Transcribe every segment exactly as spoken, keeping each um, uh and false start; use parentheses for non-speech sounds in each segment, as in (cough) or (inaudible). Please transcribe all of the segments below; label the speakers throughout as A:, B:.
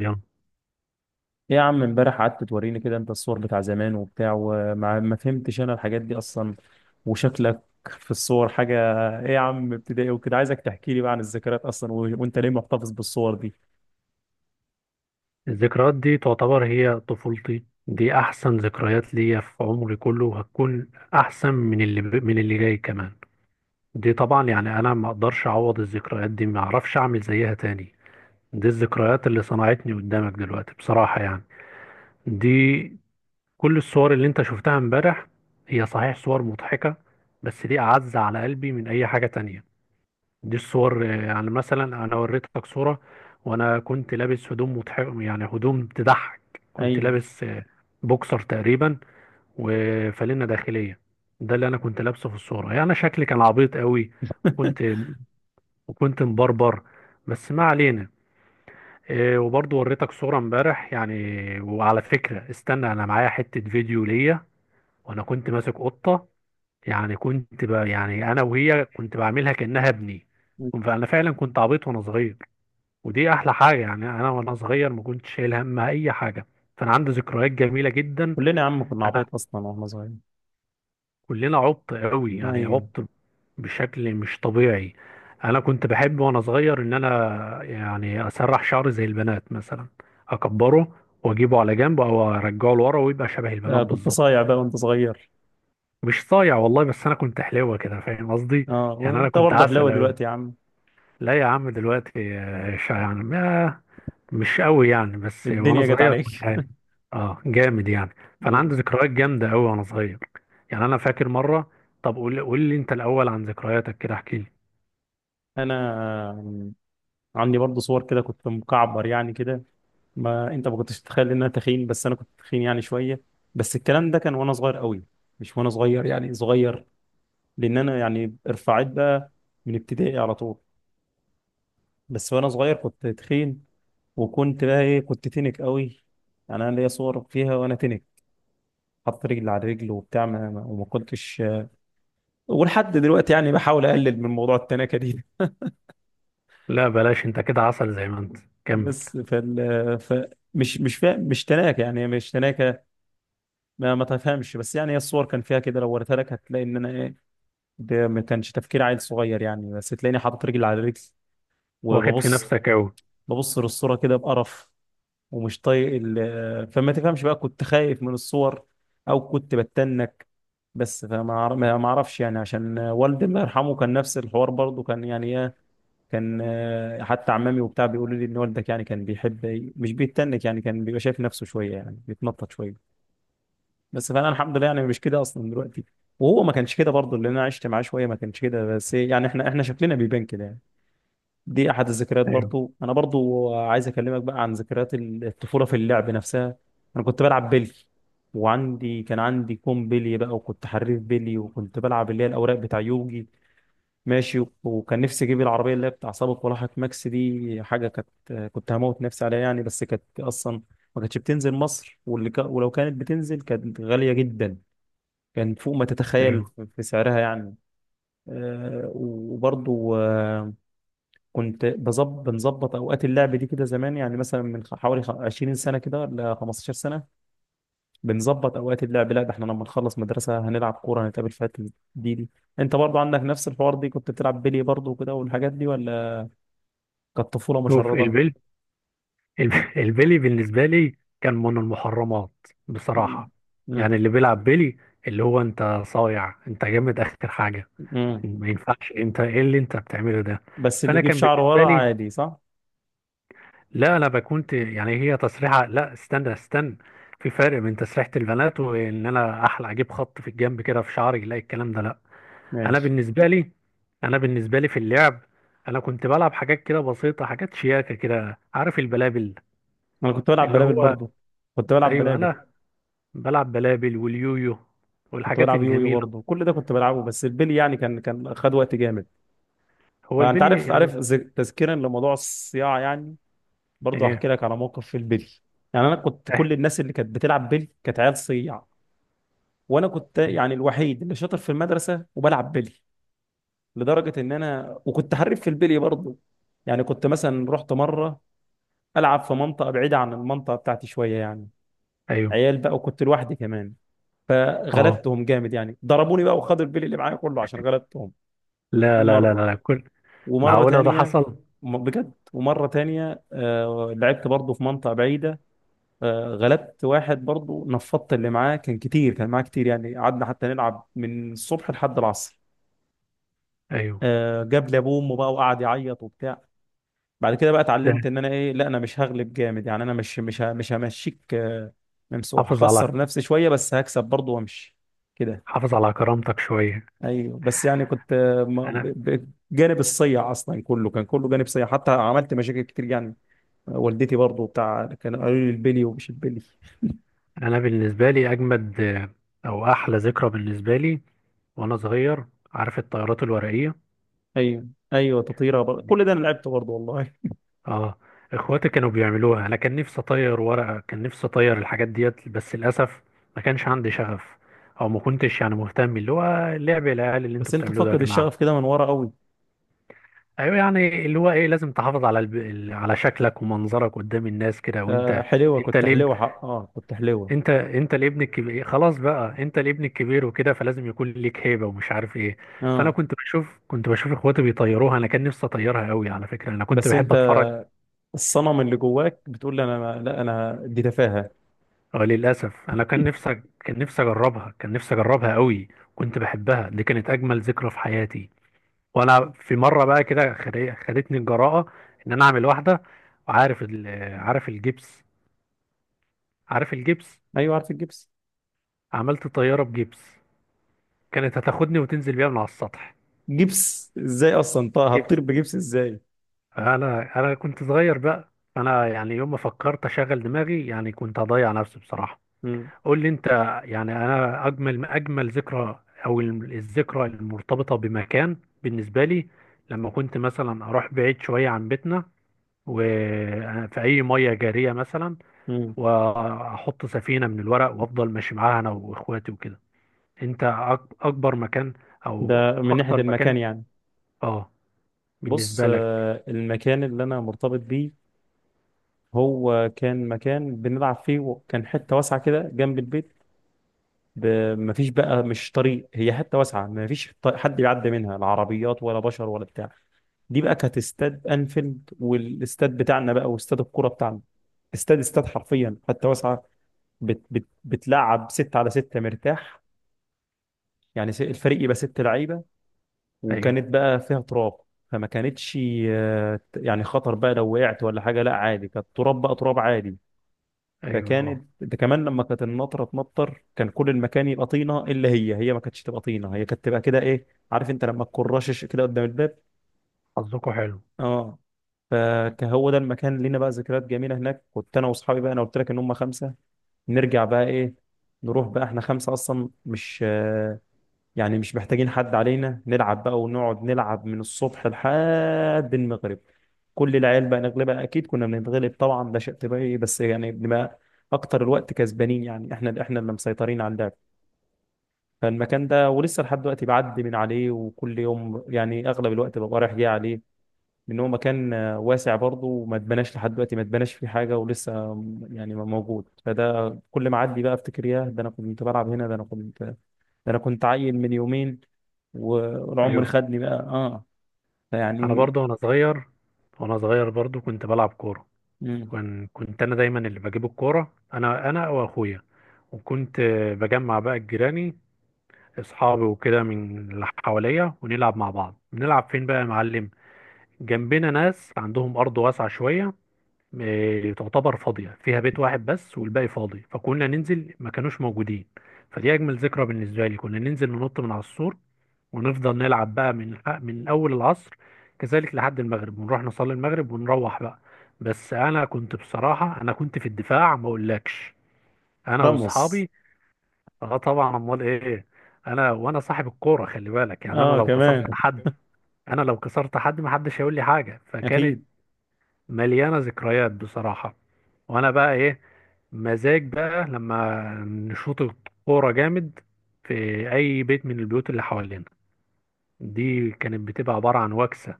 A: يلا.
B: إيه يا عم، امبارح قعدت توريني كده انت الصور بتاع زمان وبتاع، وما ما فهمتش انا الحاجات دي اصلا، وشكلك في الصور حاجة. ايه يا عم، ابتدائي وكده، عايزك تحكي لي بقى عن الذكريات اصلا و... وانت ليه محتفظ بالصور دي؟
A: الذكريات دي تعتبر هي طفولتي، دي احسن ذكريات ليا في عمري كله وهتكون احسن من اللي ب... من اللي جاي كمان. دي طبعا يعني انا ما اقدرش اعوض الذكريات دي، ما اعرفش اعمل زيها تاني. دي الذكريات اللي صنعتني قدامك دلوقتي بصراحة يعني. دي كل الصور اللي انت شفتها امبارح هي صحيح صور مضحكة، بس دي اعز على قلبي من اي حاجة تانية. دي الصور، آه، يعني مثلا انا وريتك صورة وانا كنت لابس هدوم مضح، يعني هدوم تضحك. كنت
B: ايوه.
A: لابس آه، بوكسر تقريبا وفانلة داخلية. ده اللي انا كنت لابسه في الصورة، يعني شكلي كان عبيط قوي. كنت
B: (laughs)
A: وكنت مبربر، بس ما علينا. آه، وبرضه وريتك صورة امبارح يعني. وعلى فكرة استنى، انا معايا حتة فيديو ليا وانا كنت ماسك قطة. يعني كنت ب... يعني انا وهي كنت بعملها كأنها ابني. فانا فعلا كنت عبيط وانا صغير. ودي احلى حاجه، يعني انا وانا صغير ما كنتش شايل هم اي حاجه، فانا عندي ذكريات جميله جدا.
B: كلنا يا عم كنا
A: انا
B: عبايط اصلا واحنا صغيرين.
A: كلنا عبط قوي يعني،
B: ايوه.
A: عبط بشكل مش طبيعي. انا كنت بحب وانا صغير ان انا يعني اسرح شعري زي البنات مثلا، اكبره واجيبه على جنب او ارجعه لورا ويبقى شبه
B: آه،
A: البنات
B: كنت
A: بالظبط.
B: صايع بقى وانت صغير.
A: مش صايع والله، بس انا كنت حلوه كده، فاهم قصدي؟
B: اه،
A: يعني انا
B: وانت
A: كنت
B: برضه حلاوة
A: عسل قوي.
B: دلوقتي يا عم.
A: لا يا عم، دلوقتي آه، شا- يعني ما- مش قوي يعني، بس وانا
B: الدنيا جت
A: صغير
B: عليك.
A: كنت
B: (laughs)
A: عالي. اه جامد يعني. فانا عندي
B: ماشي.
A: ذكريات جامده قوي وانا صغير. يعني انا فاكر مره. طب قول قول لي انت الاول عن ذكرياتك، كده احكي لي.
B: انا عندي برضه صور كده كنت مكعبر يعني كده. ما انت ما كنتش تتخيل ان انا تخين، بس انا كنت تخين يعني شويه. بس الكلام ده كان وانا صغير قوي. مش وانا صغير يعني صغير، لان انا يعني ارفعت بقى من ابتدائي على طول. بس وانا صغير كنت تخين، وكنت بقى ايه، كنت تنك قوي. يعني انا ليا صور فيها وانا تنك، حط رجل على رجل وبتاع ما ما- وما كنتش. ولحد دلوقتي يعني بحاول اقلل من موضوع التناكه دي.
A: لا بلاش، انت كده عسل زي ما انت.
B: (laughs)
A: كمل.
B: بس فال ف مش مش فا... مش تناكه يعني مش تناكه. ما, ما تفهمش، بس يعني هي الصور كان فيها كده، لو وريتها لك هتلاقي ان انا ايه. ده ما كانش تفكير عيل صغير يعني، بس تلاقيني حاطط رجل على رجل
A: واخد في
B: وببص
A: نفسك قوي.
B: ببص للصورة كده بقرف، ومش طايق ال- فما تفهمش بقى كنت خايف من الصور او كنت بتنك. بس فما أعر- ما ما اعرفش، يعني عشان والدي الله يرحمه كان نفس الحوار برضه، كان يعني ايه، كان آه، حتى عمامي وبتاع بيقولوا لي ان والدك يعني كان بيحب، مش بيتنك يعني كان بيبقى شايف نفسه شوية يعني بيتنطط شوية. بس فانا الحمد لله يعني مش كده اصلا دلوقتي، وهو ما كانش كده برضه اللي انا عشت معاه شويه، ما كانش كده، بس إيه، يعني احنا احنا شكلنا بيبان كده يعني. دي احد الذكريات.
A: ايوه
B: برضه انا برضه عايز اكلمك بقى عن ذكريات الطفوله في اللعب نفسها. انا كنت بلعب بلي، وعندي كان عندي كوم بلي بقى، وكنت حريف بلي، وكنت بلعب اللي هي الاوراق بتاع يوجي ماشي. وكان نفسي اجيب العربيه اللي هي بتاع سابق ولاحق ماكس، دي حاجه كانت كنت هموت نفسي عليها يعني، بس كانت اصلا ما كانتش بتنزل مصر، واللي كا- ولو كانت بتنزل كانت غاليه جدا، كان فوق ما تتخيل
A: ايوه.
B: في في سعرها يعني. آه، وبرضو آه، كنت بظبط بنظبط اوقات اللعب دي كده زمان، يعني مثلا من خ- حوالي خ- عشرين سنة سنه كده ولا خمستاشر سنة سنه بنظبط اوقات اللعب، لا ده احنا لما نخلص مدرسه هنلعب كوره هنتقابل في حته دي. دي انت برضو عندك نفس الحوار دي؟ كنت بتلعب بلي برضو كده والحاجات دي ولا كانت طفوله
A: شوف
B: مشرده؟
A: البل الب- (laughs) البلي بالنسبه لي كان من المحرمات
B: مم.
A: بصراحه.
B: مم.
A: يعني اللي بيلعب بلي، اللي هو انت صايع، انت جامد اخر حاجه.
B: مم.
A: ما ينفعش، انت ايه اللي انت بتعمله ده؟
B: بس اللي
A: فانا
B: يجيب
A: كان
B: شعره
A: بالنسبه
B: ورا
A: لي،
B: عادي صح.
A: لا انا بكونت يعني هي تصريحه لا، استنى استنى. في فرق بين تسريحه البنات وان انا احلى اجيب خط في الجنب كده في شعري، لا الكلام ده لا. انا
B: ماشي.
A: بالنسبه لي، انا بالنسبه لي في اللعب، انا كنت بلعب حاجات كده بسيطه، حاجات شياكه كده، عارف البلابل؟
B: انا كنت بلعب
A: اللي
B: بلابل
A: هو
B: برضو، كنت بلعب
A: ايوه،
B: بلابل،
A: انا بلعب بلابل واليويو
B: كنت
A: والحاجات
B: بلعب يويو
A: الجميله.
B: برضه، كل ده كنت بلعبه. بس البلي يعني كان كان خد وقت جامد.
A: هو
B: فانت
A: البلي
B: عارف
A: يعني
B: عارف ز- تذكيرا لموضوع الصياعه، يعني برضه هحكي
A: ايه.
B: لك على موقف في البلي. يعني انا كنت،
A: إيه،
B: كل الناس اللي كانت بتلعب بلي كانت عيال صياع، وانا كنت يعني الوحيد اللي شاطر في المدرسه وبلعب بلي، لدرجه ان انا وكنت حريف في البلي برضه. يعني كنت مثلا رحت مره العب في منطقه بعيده عن المنطقه بتاعتي شويه يعني،
A: ايوه
B: عيال بقى وكنت لوحدي كمان،
A: اه.
B: فغلبتهم جامد، يعني ضربوني بقى وخدوا البلي اللي معايا كله عشان غلبتهم. دي
A: لا لا لا
B: مره.
A: لا لا.
B: ومرة
A: معقولة ده
B: تانية
A: حصل؟
B: م- بجد، ومرة تانية آه، لعبت برضه في منطقة بعيدة، آه، غلبت واحد برضه، نفضت اللي معاه، كان كتير كان معاه كتير، يعني قعدنا حتى نلعب من الصبح لحد العصر.
A: أيوه.
B: آه، جاب لي ابوه وامه بقى وقعد يعيط وبتاع. بعد كده بقى
A: ده،
B: اتعلمت ان انا ايه، لا انا مش هغلب جامد، يعني انا مش مش ه- مش همشيك آه، ممسوح،
A: حافظ على
B: هخسر نفسي شوية بس هكسب برضه وامشي كده.
A: حافظ على كرامتك شوية.
B: ايوه، بس يعني كنت آه، ما- ب-
A: أنا
B: ب- جانب الصيع اصلا كله، كان كله جانب صيع، حتى عملت مشاكل كتير يعني. والدتي برضو بتاع كانوا قالوا لي البلي ومش البلي.
A: أنا بالنسبة لي أجمد، آه، أو أحلى ذكرى بالنسبة لي وأنا صغير، عارف الطيارات الورقية؟
B: ايوه ايوه تطيره بر...
A: دي
B: كل ده انا لعبته برضو والله.
A: آه إخواتي كانوا بيعملوها، أنا كان نفسي أطير ورقة، كان نفسي أطير الحاجات ديت، بس للأسف ما كانش عندي شغف، أو ما كنتش يعني مهتم اللي هو لعب العيال اللي
B: بس
A: أنتوا
B: انت
A: بتعملوه ده يا
B: فاقد
A: جماعة.
B: الشغف كده من ورا قوي.
A: أيوه يعني اللي هو إيه، لازم تحافظ على الب... ال- على شكلك ومنظرك قدام الناس كده
B: آه،
A: وأنت.
B: حلوه
A: انت
B: كنت
A: ليه؟
B: حلوه، حق اه كنت حلوه.
A: انت انت الابن الكبير خلاص بقى، انت الابن الكبير وكده، فلازم يكون ليك هيبه ومش عارف ايه. فانا
B: اه.
A: كنت بشوف كنت بشوف اخواتي بيطيروها، انا كان نفسي اطيرها قوي، على فكره انا كنت
B: بس
A: بحب
B: انت
A: اتفرج.
B: الصنم اللي جواك بتقول لي انا ما... لا انا دي تفاهه.
A: اه للاسف، انا كان
B: (laughs)
A: نفسي، كان نفسي اجربها كان نفسي اجربها قوي. كنت بحبها، دي كانت اجمل ذكرى في حياتي. وانا في مره بقى كده خد- خدتني الجراءه ان انا اعمل واحده. وعارف ال... عارف الجبس، عارف الجبس.
B: ايوه عارف الجبس.
A: عملت طياره بجبس، كانت هتاخدني وتنزل بيها من على السطح.
B: جبس ازاي اصلا؟ طه هتطير
A: جبس.
B: بجبس ازاي؟
A: انا انا كنت صغير بقى، انا يعني يوم ما فكرت اشغل دماغي يعني كنت هضيع نفسي بصراحه.
B: مم.
A: قول لي انت. يعني انا اجمل اجمل ذكرى، او ال- الذكرى المرتبطه بمكان بالنسبه لي، لما كنت مثلا اروح بعيد شويه عن بيتنا وفي اي ميه جاريه مثلا،
B: مم.
A: واحط سفينه من الورق وافضل ماشي معاها انا واخواتي وكده. انت أك- اكبر مكان
B: ده
A: او
B: من ناحيه
A: اكتر
B: المكان
A: مكان؟
B: يعني.
A: اه
B: بص،
A: بالنسبه لك.
B: آه، المكان اللي انا مرتبط بيه هو كان مكان بنلعب فيه، وكان حته واسعه كده جنب البيت. ب- مفيش بقى، مش طريق، هي حته واسعه، مفيش ط- حد بيعدي منها، لا عربيات ولا بشر ولا بتاع. دي بقى كانت استاد انفيلد والاستاد بتاعنا بقى، واستاد الكوره بتاعنا. استاد استاد حرفيا حتى، واسعه بت بت بتلعب ستة على ستة مرتاح، يعني س- الفريق يبقى ست لعيبه.
A: ايوه
B: وكانت بقى فيها تراب، فما كانتش آه، يعني خطر بقى لو وقعت ولا حاجه، لا عادي، كانت تراب بقى، تراب عادي.
A: ايوه اه.
B: فكانت ده كمان، لما كانت النطره تنطر كان كل المكان يبقى طينه، الا هي هي ما كانتش تبقى طينه، هي كانت تبقى كده ايه، عارف انت لما تكون رشش كده قدام الباب.
A: حظكوا حلو.
B: اه. فهو ده المكان، لينا بقى ذكريات جميله هناك. كنت انا واصحابي بقى، انا قلت لك ان هم خمسه، نرجع بقى ايه، نروح بقى احنا خمسه اصلا، مش يعني مش محتاجين حد علينا، نلعب بقى ونقعد نلعب من الصبح لحد المغرب. كل العيال بقى نغلبها، اكيد كنا بنتغلب طبعا، ده شيء طبيعي، بس يعني بنبقى اكتر الوقت كسبانين، يعني احنا احنا اللي مسيطرين على اللعب. فالمكان ده ولسه لحد دلوقتي بعدي من عليه، وكل يوم يعني اغلب الوقت ببقى رايح جاي عليه، لان هو مكان آه، واسع برضه، وما اتبناش لحد دلوقتي، ما اتبناش فيه حاجه، ولسه آم، يعني موجود. فده كل ما اعدي بقى افتكر، ياه ده انا كنت بلعب هنا، ده انا كنت، ده انا كنت عيل من يومين و- والعمر
A: ايوه
B: خدني بقى، اه.
A: انا
B: فيعني.
A: برضو وانا صغير وانا صغير برضو كنت بلعب كوره.
B: مم.
A: كن- كنت انا دايما اللي بجيب الكوره، انا انا واخويا. وكنت آه، بجمع بقى جيراني اصحابي وكده من اللي حواليا، ونلعب مع بعض، بنلعب فين بقى يا معلم؟ جنبنا ناس عندهم ارض واسعه شويه، آه، تعتبر فاضية، فيها بيت واحد بس والباقي فاضي، فكنا ننزل ما كانوش موجودين. فدي أجمل ذكرى بالنسبة لي، كنا ننزل ننط من على السور ونفضل نلعب بقى من من أول العصر كذلك لحد المغرب، ونروح نصلي المغرب ونروح بقى. بس أنا كنت بصراحة، أنا كنت في الدفاع ما أقولكش، أنا
B: رمص.
A: وأصحابي. أه طبعا، أمال إيه. أنا وأنا صاحب الكورة خلي بالك، يعني أنا
B: اه
A: لو كسرت
B: كمان.
A: حد، أنا لو كسرت حد محدش هيقول لي حاجة، فكانت
B: اكيد.
A: مليانة ذكريات بصراحة. وانا بقى ايه، مزاج بقى لما نشوط الكورة جامد في اي بيت من البيوت اللي حوالينا، دي كانت بتبقى عبارة عن وكسة.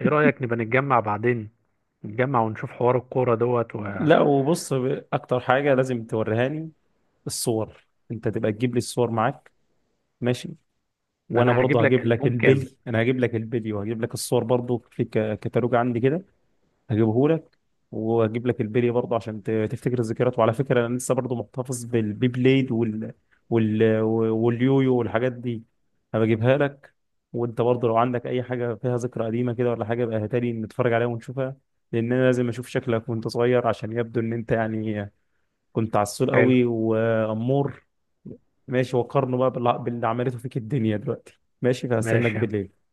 A: ايه رأيك نبقى نتجمع بعدين، نتجمع ونشوف حوار الكورة دوت و...
B: لا وبص، ب- اكتر حاجه لازم توريهاني الصور، انت تبقى تجيب لي الصور معاك ماشي.
A: ده
B: وانا
A: انا هجيب
B: برضه
A: لك
B: هجيب لك
A: ألبوم كامل.
B: البلي، انا هجيب لك البلي وهجيب لك الصور برضه، في ك- كتالوج عندي كده هجيبه لك. واجيب لك البلي برضه عشان ت- تفتكر الذكريات. وعلى فكره انا لسه برضه محتفظ بالبي بليد وال... وال... واليويو والحاجات دي، هبجيبها لك. وانت برضه لو عندك اي حاجه فيها ذكرى قديمه كده ولا حاجه بقى هاتها لي نتفرج عليها ونشوفها، لان انا لازم اشوف شكلك وانت صغير، عشان يبدو ان انت يعني كنت عسول
A: حلو.
B: قوي وامور. ماشي، وقارنه بقى باللي باللي عملته فيك الدنيا دلوقتي. ماشي، فهستناك
A: ماشي يا عم.
B: بالليل.